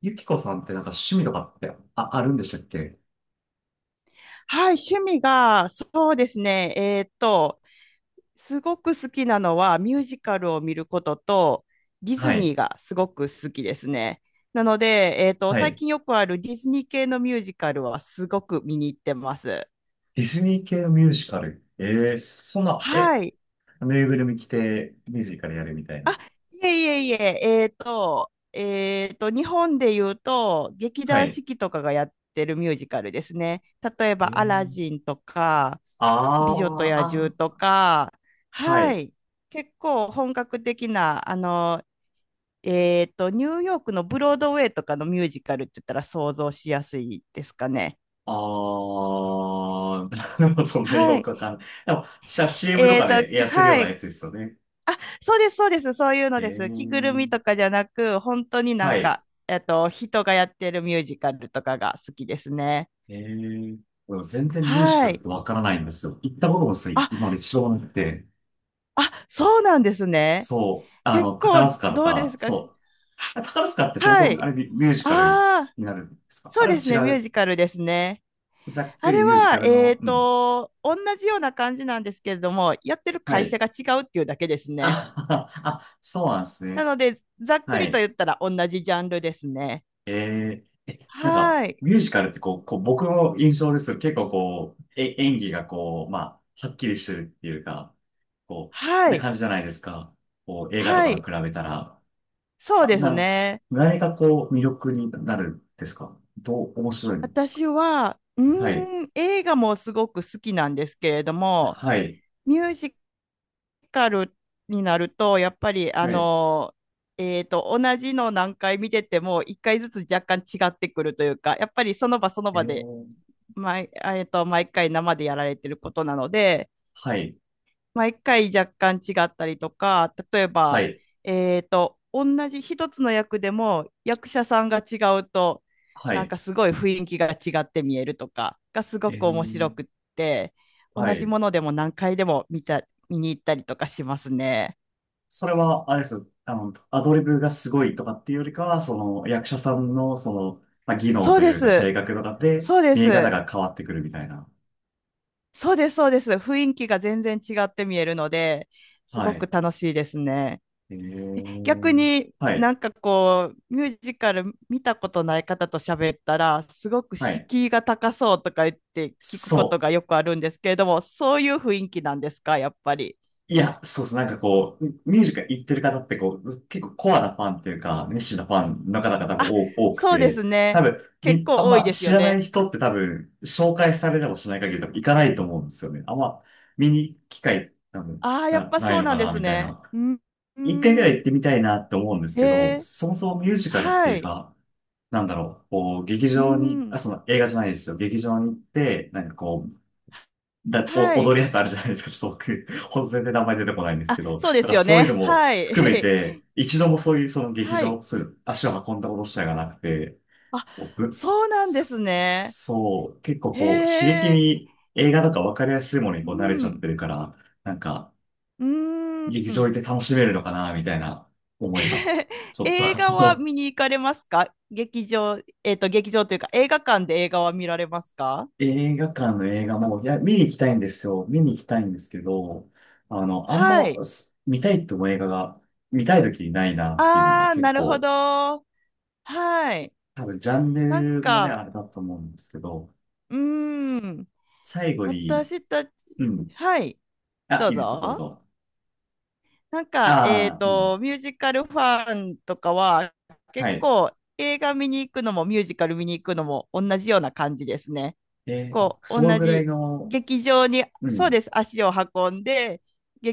ゆきこさんってなんか趣味とかってあるんでしたっけ？はい、趣味が、そうですね、すごく好きなのはミュージカルを見ることと、ディはズニーい。がすごく好きですね。なので、は最い。近よくあるディズニー系のミュージカルはすごく見に行ってます。ディズニー系のミュージカル。ええそそんな、はえ、い。ぬいぐるみ着てミュージカルやるみたいな。いえいえいえ、日本で言うと、劇は団い。四季とかがやってるミュージカルですね。例ええば、アラー、ジンとか、美女とあー、野獣あとか、ー、ははい。い、結構本格的な、あの、ニューヨークのブロードウェイとかのミュージカルって言ったら想像しやすいですかね。あー、でもそんなにはよい。くわかんない。でも、CM とえっかと、でやってるようはなやい。つですよね。あ、そうです、そうです。そういうのえです。着ぐるみー、とかじゃなく、本当になはんい。か、人がやってるミュージカルとかが好きですね。えー、でも全然ミュージカはルっい。てわからないんですよ。行ったこともあ、今まで一度もなくて。あ、そうなんですね。そう。あ結の、構、宝塚とどうでか、すか？はそう。あ、宝塚ってそもはそも、あい。れミュージカルああ、になるんですか？あそうれはです違ね、ミューう。ジカルですね。ざっくありれミュージカは、ルの、うん。同じような感じなんですけれども、やってるは会社い。が違うっていうだけですね。あ、あ、そうなんですなね。ので、ざっくはりとい。言ったら同じジャンルですね。えー、なんか、はい。ミュージカルってこう僕の印象ですけど、結構こう、演技がこう、まあ、はっきりしてるっていうか、こう、はない。感じじゃないですか。こう、映画とはかとい。比べたら。そうあ、ですね。何がこう、魅力になるんですか？面白いんですか？私は、うはい。ーん、映画もすごく好きなんですけれども、はい。ミュージカルになると、やっぱり、あはい。の、同じの何回見てても、一回ずつ若干違ってくるというか、やっぱりその場そのえ場で、ー、毎、あえっと、毎回生でやられてることなので、はい。毎回若干違ったりとか、例えはば、い。同じ一つの役でも役者さんが違うと、はなんい。かすごい雰囲気が違って見えるとかがすごえくー、面白くって、同はじい。ものでも何回でも見た、見に行ったりとかしますね。それは、あれです。あの、アドリブがすごいとかっていうよりかは、その、役者さんの、その、まあ、技能そうとでいうか、す。性格とかで、そうで見え方す。が変わってくるみたいな。そうです。そうです。雰囲気が全然違って見えるので、すはごくい。楽しいですね。え逆ー、にはい。なんかこう、ミュージカル見たことない方と喋ったら、すごくはい。敷居が高そうとか言って聞くことそがう。よくあるんですけれども、そういう雰囲気なんですか、やっぱり。いや、そうなんかこう、ミュージカル行ってる方ってこう、結構コアなファンっていうか、熱心なファンの方々もあ、多多くそうでて、す多ね。分、結あん構多いまです知よらないね。人って多分、紹介されてもしない限り多分行かないと思うんですよね。あんま見に行く機会多分ああ、やっぱないそうのなかんでな、すみたいね。な。うん。う一回ぐらいん。行ってみたいなって思うんですへけど、え、そもそもミュージカルってはいうい。か、なんだろう、こう、劇う場に、あ、ん。その映画じゃないですよ。劇場に行って、なんかこう、は踊い。るやつあるじゃないですか。ちょっと僕、ほんと全然名前出てこないんですあ、けど、だそうでかすらよそういうのね。もはい。含め て、一度もそういうその劇はい。場、そういう足を運んだことしたがなくて、あ、僕、そうなんでそ、すね。そう、結構こう、刺激へえ。に映画とか分かりやすいものにうこう慣れちゃっん。てるから、なんか、うー劇場行ん。って楽しめるのかな、みたいな思いが、ちょっ映画はと見に行かれますか？劇場、劇場というか、映画館で映画は見られますか？映画館の映画も、いや、見に行きたいんですよ。見に行きたいんですけど、あの、あんはま、い。見たいって思う映画が、見たい時にないなっていうのがああ、結なるほ構、ど。はい。多分ジャンなんルもね、か、あれだと思うんですけど、うーん。最後に、私たち、うん。はい。あ、どういいですよ、どうぞ。ぞ。なんか、ああ、うん。ミュージカルファンとかは、は結い。構映画見に行くのもミュージカル見に行くのも同じような感じですね。あ、こう、その同ぐらいじの、劇場に、うそうん。です、足を運んで、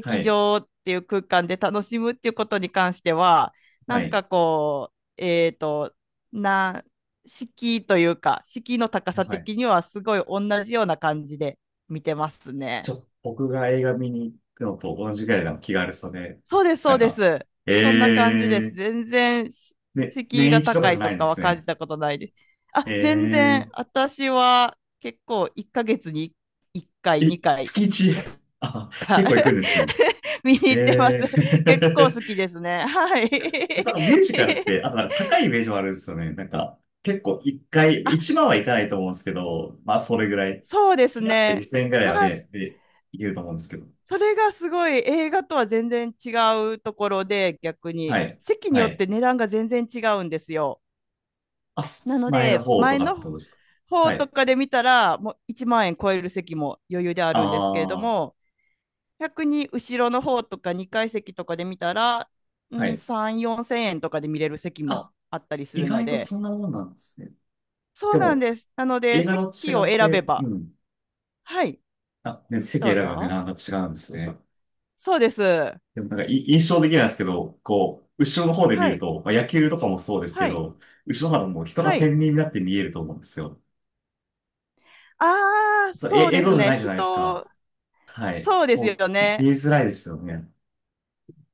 はい。場っていう空間で楽しむっていうことに関しては、なはんい。かこう、な、敷居というか、敷居の高さはい。的にはすごい同じような感じで見てますね。僕が映画見に行くのと同じぐらいの気軽さで、そうです、そなうんでか、す。えそんな感じです。ー、全然、しね、敷居年が一とか高じゃいなといんでかはす感じね。たことないです。あ、全え然、私は結構1ヶ月に1回、え2回 月一。 あ、結構行くんですね。見に行ってます。え結構え。 好き ですね。はい。なんか ミュージカルって、あ となんか高いイメージもあるんですよね。なんか、結構一回、あ、一万はいかないと思うんですけど、まあそれぐらい。そうですだってね。2000円ぐらいまはあ、ね、で、いけると思うんですけど。それがすごい映画とは全然違うところで、逆はに。い。席にはよっい。て値段が全然違うんですよ。あ、なの前ので、方と前かってこのとですか？方はとい。かで見たら、もう1万円超える席も余裕であるんですけれどああ、も、逆に後ろの方とか2階席とかで見たら、うはん、い。3、4千円とかで見れる席もあ、あったりす意るの外とで、そんなもんなんですね。そでうなんも、です。なので、映画と席違をっ選べて、うば、ん。はい、あ、席ど選うぶよね、ぞ。なんか違うんですね。そうです。はでもなんか印象的なんですけど、こう、後ろの方で見るい、と、まあ、野球とかもそうですはけい、ど、後ろの方も人はが天い。秤になって見えると思うんですよ。ああ、そそうれ、映です像じゃね。ないじゃないです人、か。はい。そうですもよう、ね。見えづらいですよね。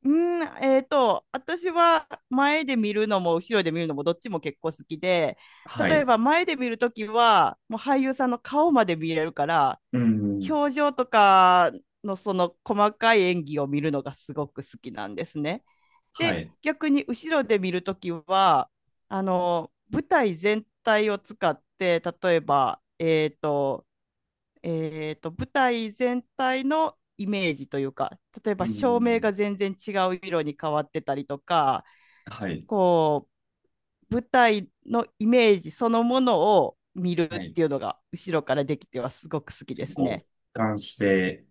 うーん、私は前で見るのも後ろで見るのもどっちも結構好きで、は例えい。ば前で見るときは、もう俳優さんの顔まで見れるから、うん。表情とかのその細かい演技を見るのがすごく好きなんですね。はで、い。逆に後ろで見るときは、あの、舞台全体を使って、例えば、舞台全体のイメージというか、例えうば照明ん。が全然違う色に変わってたりとか、はい。こう、舞台のイメージそのものを見るっはい。ていうのが後ろからできてはすごく好きちょでっとすこね。う、俯瞰して、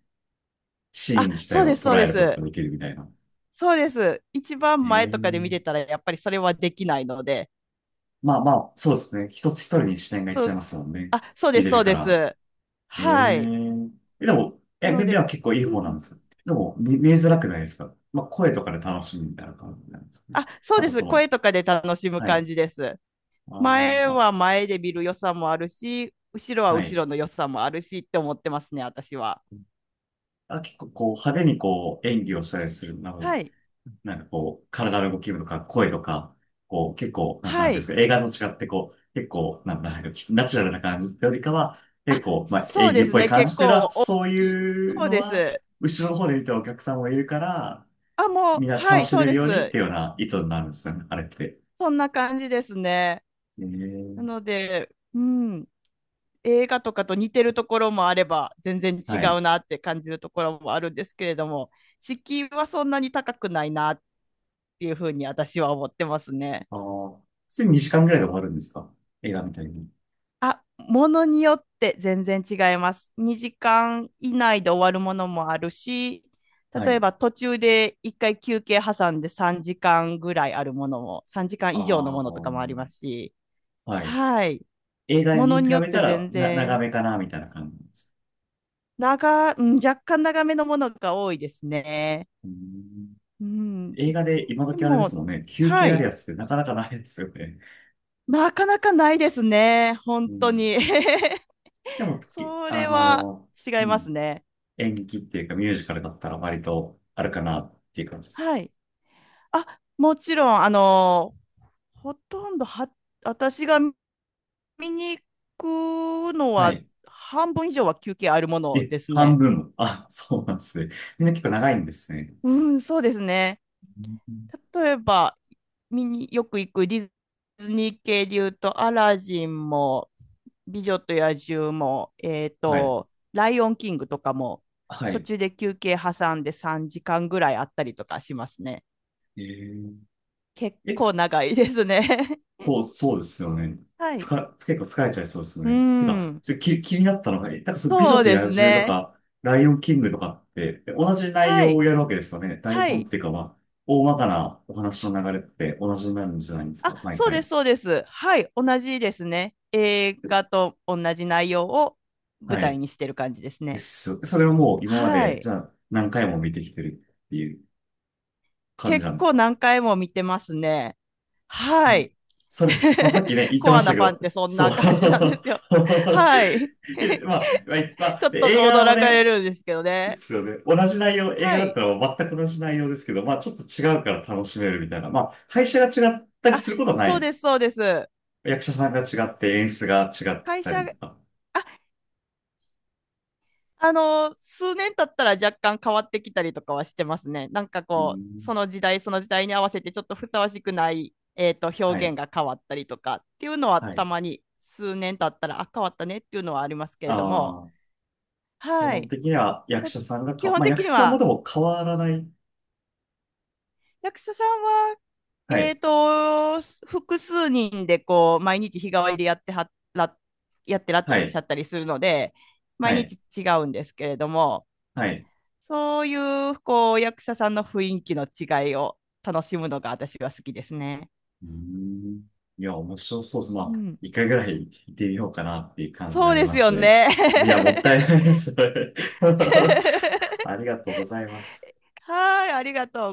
シーあ、ン自体そうでをす、そ捉うでえることがす。できるみたいな。そうです。一番前とかで見てええ、たらやっぱりそれはできないので。まあまあ、そうですね。一人に視点がいっそちゃいうますもんね。あ、そうで見す、れそるうかでら。す。えはい。ええでも、な目の目で、は結構いいう方なんん。ですよ。でも、見えづらくないですか？まあ、声とかで楽しみみたいな感じなんですかね。あ、そうあでと、す。そ声の、とかで楽しむは感い。じです。前まは前で見る良さもあるし、後ろはあ、は後い。ろの良さもあるしって思ってますね、私は。あ、結構、こう、派手にこう、演技をしたりする、なんはか、い。なんかこう、体の動きとか、声とか、こう、結構、な、なはんていうんですい。か、映画と違って、こう、結構、なんかナチュラルな感じってよりかは、あ、結構、まあ、そう演技でっすぽいね。感結じっていうのは、構大そうきい。いうそうのでは、す。後ろの方で見てるお客さんもいるから、あ、もう、みんなは楽い、しそうめるでようにっす。ていうような意図になるんですよね、あれって。そんな感じですね。えなー、ので、うん、映画とかと似てるところもあれば、全然違はい。うなって感じるところもあるんですけれども、敷居はそんなに高くないなっていうふうに私は思ってますね。ああ、普通に2時間ぐらいで終わるんですか？映画みたいに。あ、ものによって全然違います。2時間以内で終わるものもあるし、は例えい。ば途中で1回休憩挟んで3時間ぐらいあるものも、3時間あ以上のあ、ものとかもありますし、はい。はい。映画ものに比によっべてたら全長然、めかな、みたいな感じなんです。うん、若干長めのものが多いですね。うん。うん。映画で今で時あれですも、もんね、休は憩あるい。やつってなかなかないですよね。なかなかないですね。う本当ん、に。でも、きそあれはのー違いうまん、すね。演劇っていうかミュージカルだったら割とあるかなっていう感じです。はい。あ、もちろん、あの、ほとんどは、私が見に行くのはは、い。半分以上は休憩あるもいのえ、です半ね。分も。あ、そうなんですね。みんな結構長いんですね。うん、そうですね。うん、例えば、見によく行くディズニー系で言うと、アラジンも、美女と野獣も、はい。ライオンキングとかも、は途い。中で休憩挟んで3時間ぐらいあったりとかしますね。えー、結え、構長いですね。そうですよね。はつい。か、結構疲れちゃいそうです ようね。てか、ん。ちょ、気、気になったのが、なんかその美女そうとです野獣とね。か、ライオンキングとかって、同じ内は容をい。やるわけですよね。台は本っい。ていうか、まあ、大まかなお話の流れって同じになるんじゃないんですあ、か、毎そうで回。す、そうです。はい。同じですね。映画と同じ内容を舞は台い。にしてる感じですでね。す。それをもう今まはで、じい。ゃあ何回も見てきてるっていう感じ結なんです構か？何回も見てますね。うはん。い。それ、そさっき ね、言ってコまアしたなけファンっど、てそんそう。な感じなんで すよ。はい。えまあ、まあ、ま ちょあっでと映画を驚かね、れるんですけどでね。すよね。同じ内容、映は画だっい。たら全く同じ内容ですけど、まあちょっと違うから楽しめるみたいな。まあ会社が違ったりあ、することはなそうい。です、そうです。役者さんが違って演出が違っ会た社、りとあ、か。あの、数年経ったら若干変わってきたりとかはしてますね。なんかうこう、ん。その時代その時代に合わせてちょっとふさわしくない、は表現い。が変わったりとかっていうのははい。たまに数年経ったら、あ、変わったねっていうのはありますけれども、ああ、基は本い。的には役だ者さんが基か、本まあ的役に者さんもは、でも変わらない。役者さんは、はえい。ーと、複数人でこう、毎日日替わりでやってらっはしゃい。ったりするので、は毎い。日違うんですけれども、はい。そういうこう役者さんの雰囲気の違いを楽しむのが私は好きですね。うーん。いや、面白そうでうす。まあ、ん、一回ぐらい行ってみようかなっていう感じにそなうりでますよすね。ね。いや、もったいないです。ありがとうございます。はい、ありがとう。